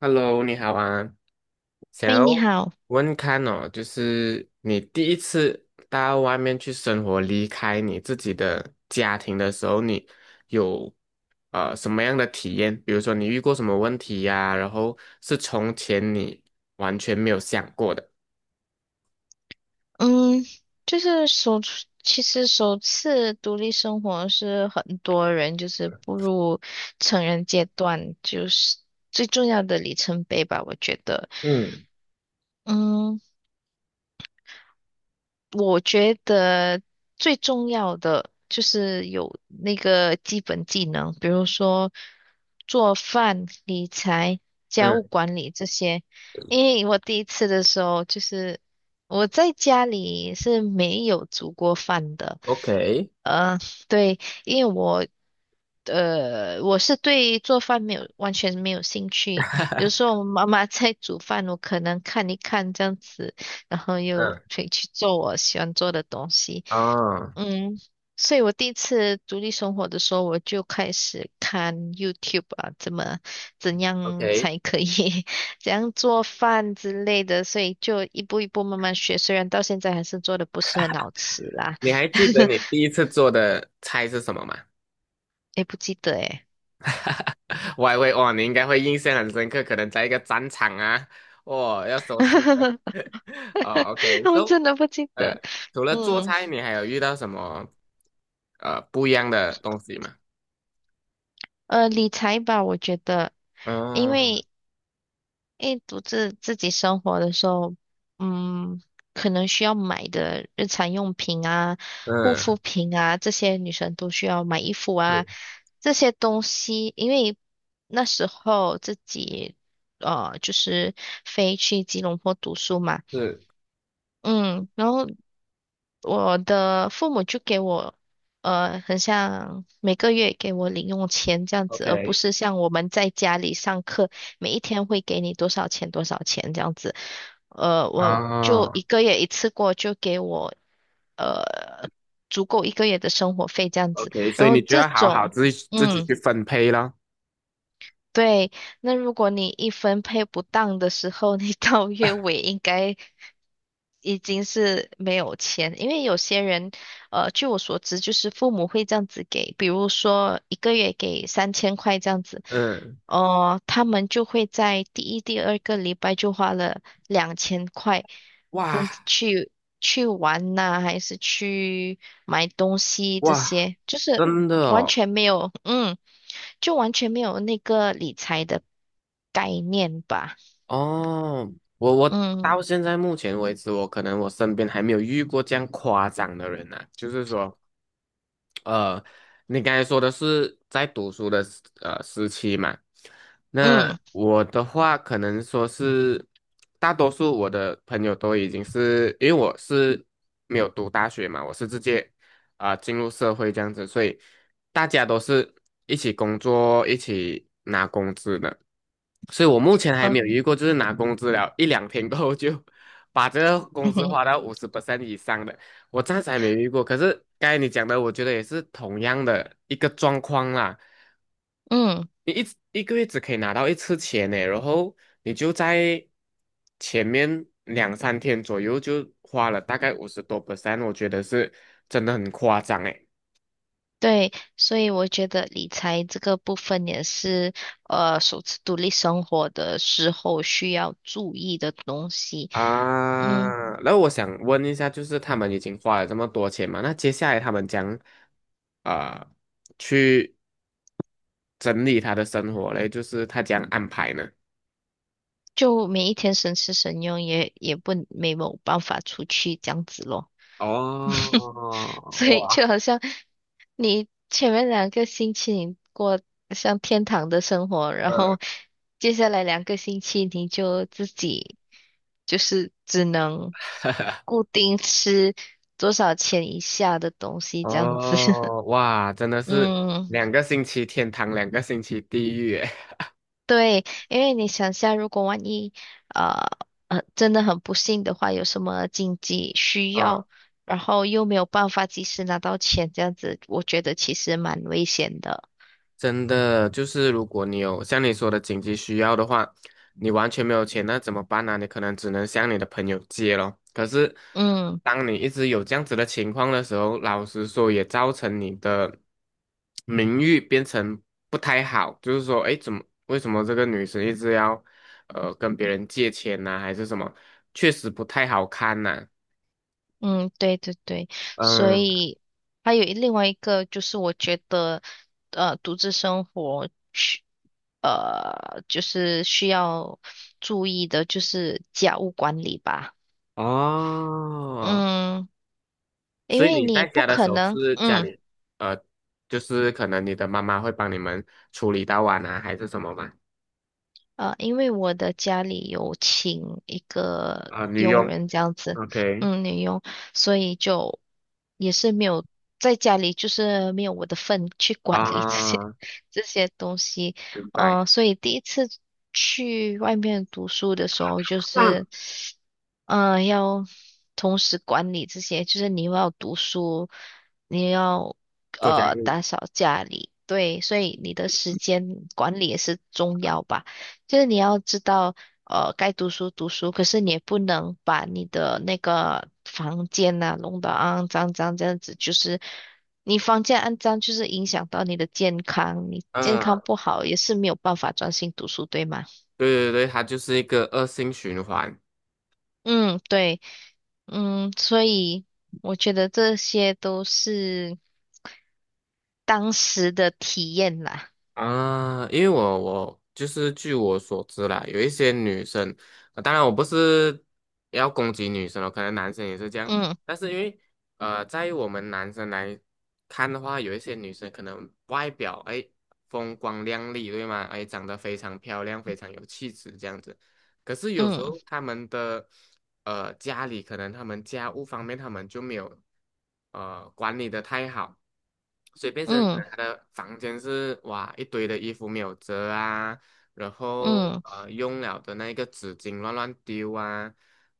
Hello，你好啊，想哎，要你好。问看哦，就是你第一次到外面去生活，离开你自己的家庭的时候，你有什么样的体验？比如说你遇过什么问题呀、然后是从前你完全没有想过的。嗯。就是其实首次独立生活是很多人就是步入成人阶段，就是最重要的里程碑吧，我觉得。嗯嗯，我觉得最重要的就是有那个基本技能，比如说做饭、理财、家务嗯管理这些。因为我第一次的时候，就是我在家里是没有煮过饭的。，OK，对，因为我我是对做饭没有完全没有兴趣，有时候我妈妈在煮饭，我可能看一看这样子，然后又嗯，可以去做我喜欢做的东西。哦嗯，所以我第一次独立生活的时候，我就开始看 YouTube 啊，怎样，OK，才可以 怎样做饭之类的，所以就一步一步慢慢学，虽然到现在还是做的不是很好吃啦。你还记得 你第一次做的菜是什么吗？也不记得诶。我还会哦，你应该会印象很深刻，可能在一个战场啊，哦，要收拾的。哦我，OK，so，真的不记得。呃，除了做嗯。菜，你还有遇到什么不一样的东西吗？理财吧，我觉得，因嗯为因为独自自己生活的时候，嗯，可能需要买的日常用品啊、护嗯，肤品啊，这些女生都需要买衣服啊，是这些东西。因为那时候自己就是飞去吉隆坡读书嘛。是嗯，然后我的父母就给我。很像每个月给我零用钱这样子，而不，OK，是像我们在家里上课，每一天会给你多少钱多少钱这样子。我就哦一个月一次过就给我呃足够一个月的生活费这样子，，OK，所然以后你就这要好好种。自己嗯，去分配咯。对，那如果你一分配不当的时候，你到月尾应该已经是没有钱。因为有些人，据我所知，就是父母会这样子给，比如说一个月给3000块这样子，嗯，哦、他们就会在第一、第二个礼拜就花了2000块，这哇样子去去玩呐、还是去买东西这哇，些，就是真的完哦。全没有。嗯，就完全没有那个理财的概念吧。哦，我嗯。到现在目前为止，我可能我身边还没有遇过这样夸张的人呐、就是说，呃，你刚才说的是在读书的时期嘛，那嗯。我的话可能说是大多数我的朋友都已经是因为我是没有读大学嘛，我是直接啊、进入社会这样子，所以大家都是一起工作、一起拿工资的。所以我目前还哦。没有遇过，就是拿工资了一两天过后就把这个工嗯资哼。花到50% 以上的，我暂时还没遇过。可是刚才你讲的，我觉得也是同样的一个状况啦。嗯。你一个月只可以拿到一次钱呢，然后你就在前面两三天左右就花了大概50多%，我觉得是真的很夸张诶。对，所以我觉得理财这个部分也是首次独立生活的时候需要注意的东西。嗯，啊，那我想问一下，就是他们已经花了这么多钱嘛，那接下来他们将啊、呃去整理他的生活嘞，就是他将安排呢？就每一天省吃省用，也不没有办法出去这样子咯。哦，所以哇，就好像你前面两个星期你过像天堂的生活，然嗯，后接下来两个星期你就自己就是只能固定吃多少钱以下的东西这样子。哦，哇，真的是嗯，两个星期天堂，两个星期地狱诶。对，因为你想下，如果万一呃真的很不幸的话，有什么紧急需要，然后又没有办法及时拿到钱，这样子，我觉得其实蛮危险的。真的就是如果你有像你说的紧急需要的话，你完全没有钱，那怎么办呢、你可能只能向你的朋友借咯。可是，嗯。当你一直有这样子的情况的时候，老实说也造成你的名誉变成不太好，就是说，哎，怎么为什么这个女生一直要跟别人借钱呢、还是什么？确实不太好看呐、嗯，对对对，所嗯，以还有另外一个就是我觉得，独自生活就是需要注意的，就是家务管理吧。哦。嗯，因所以为你你在不家的可时候能。是家嗯。里，呃，就是可能你的妈妈会帮你们处理到碗啊，还是什么吗？因为我的家里有请一个啊、女佣佣人这样子。，OK，嗯，女佣，所以就也是没有在家里，就是没有我的份去管理这些 啊、这些东西。明白。所以第一次去外面读书的时候，就 啊是，嗯，要同时管理这些，就是你又要读书，你要做家务，打扫家里。对，所以你的时间管理也是重要吧。就是你要知道，该读书读书，可是你也不能把你的那个房间呐、弄得肮脏脏这样子。就是你房间肮脏，就是影响到你的健康，你健康嗯、不好也是没有办法专心读书，对吗？对对对，它就是一个恶性循环。嗯，对。嗯，所以我觉得这些都是当时的体验啦。啊，因为我就是据我所知啦，有一些女生，当然我不是要攻击女生哦，可能男生也是这样，嗯。但是因为在于我们男生来看的话，有一些女生可能外表哎风光亮丽，对吗？哎，长得非常漂亮，非常有气质这样子，可是有时嗯。候他们的家里可能他们家务方面他们就没有管理的太好，所以变成可嗯。能他的房间是哇一堆的衣服没有折啊，然后嗯。用了的那个纸巾乱乱丢啊，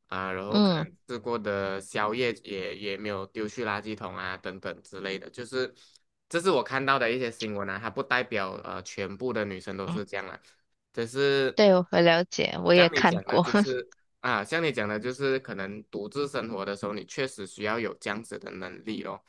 啊、然后可嗯。能吃过的宵夜也没有丢去垃圾桶啊等等之类的，就是这是我看到的一些新闻啊，它不代表全部的女生都嗯。是这样啊。只是对，我了解，我也像你看讲的，过。就是像你讲的，就是可能独自生活的时候，你确实需要有这样子的能力咯。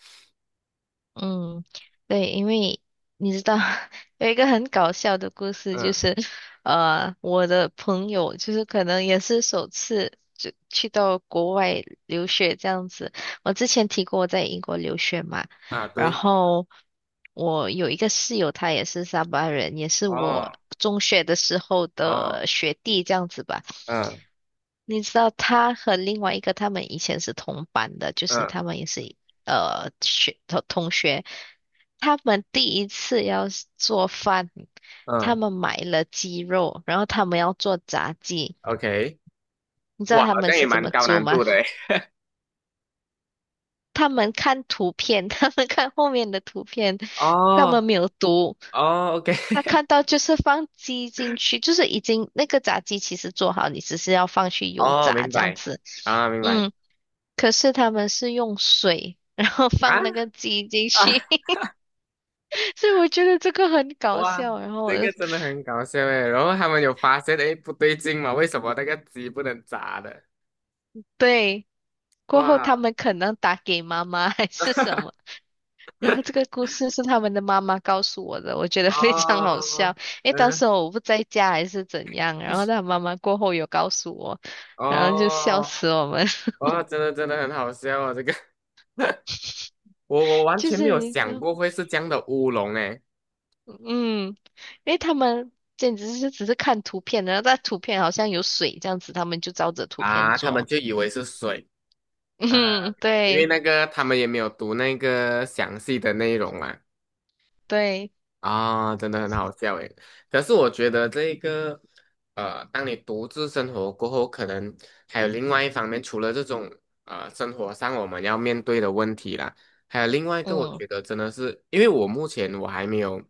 嗯，对，因为你知道 有一个很搞笑的故事，就嗯，是我的朋友就是可能也是首次就去到国外留学这样子。我之前提过我在英国留学嘛，啊，然对，后我有一个室友，他也是沙巴人，也是我哦，中学的时候哦，的学弟这样子吧。嗯你知道他和另外一个他们以前是同班的，就是嗯他们也是同学。他们第一次要是做饭，他嗯们买了鸡肉，然后他们要做炸鸡。，OK，你知道哇，他好们像是也怎蛮么高做难吗？度的诶。他们看图片，他们看后面的图片，他哦们没有读。哦，OK，他 看到就是放鸡进去，就是已经那个炸鸡其实做好，你只是要放去油哦，炸明这样白子。啊，明白嗯，可是他们是用水，然后啊放那个鸡进啊，去，所以我觉得这个很搞哇，笑。然后这我就个真的很搞笑诶。然后他们有发现，诶，不对劲嘛，为什么那个鸡不能炸的？对，过后他哇，们可能打给妈妈还是什么。然后这个故事是他们的妈妈告诉我的，我觉得非常好笑。哦，因为当嗯，时我不在家还是怎样，然后他妈妈过后有告诉我，然后就笑哦。死我们。哇，真的真的很好笑啊！哦这个 我完就全没是有你知想道。过会是这样的乌龙诶嗯，因为他们。简直是只是看图片，然后在图片好像有水这样子，他们就照着图片啊，他们做。就以为是水 啊，嗯，因为对那个他们也没有读那个详细的内容嘛，对。啊，真的很好笑诶。可是我觉得这一个，当你独自生活过后，可能还有另外一方面，除了这种生活上我们要面对的问题啦，还有另外一个，我嗯。觉得真的是，因为我目前我还没有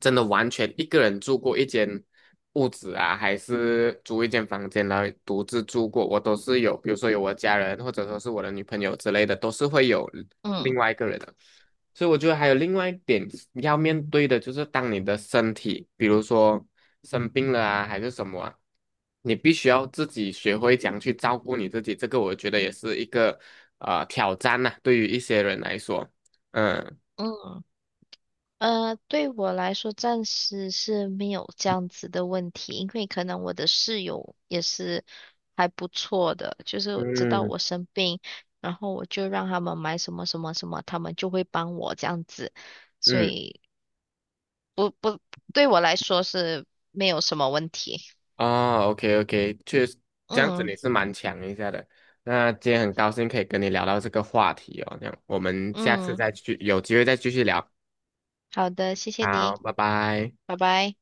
真的完全一个人住过一间屋子啊，还是租一间房间来独自住过，我都是有，比如说有我家人，或者说是我的女朋友之类的，都是会有另嗯。外一个人的。所以我觉得还有另外一点要面对的，就是当你的身体，比如说生病了啊，还是什么啊，你必须要自己学会怎样去照顾你自己。这个我觉得也是一个挑战呐、对于一些人来说，嗯嗯。对我来说暂时是没有这样子的问题，因为可能我的室友也是还不错的，就是知道嗯我生病，然后我就让他们买什么什么什么，他们就会帮我这样子，所嗯，以不不，对我来说是没有什么问题。哦，OK OK，确实这样子嗯。你是蛮强一下的。那今天很高兴可以跟你聊到这个话题哦，那我们下次嗯，再去有机会再继续聊。好的，谢谢好，你，拜拜。拜拜。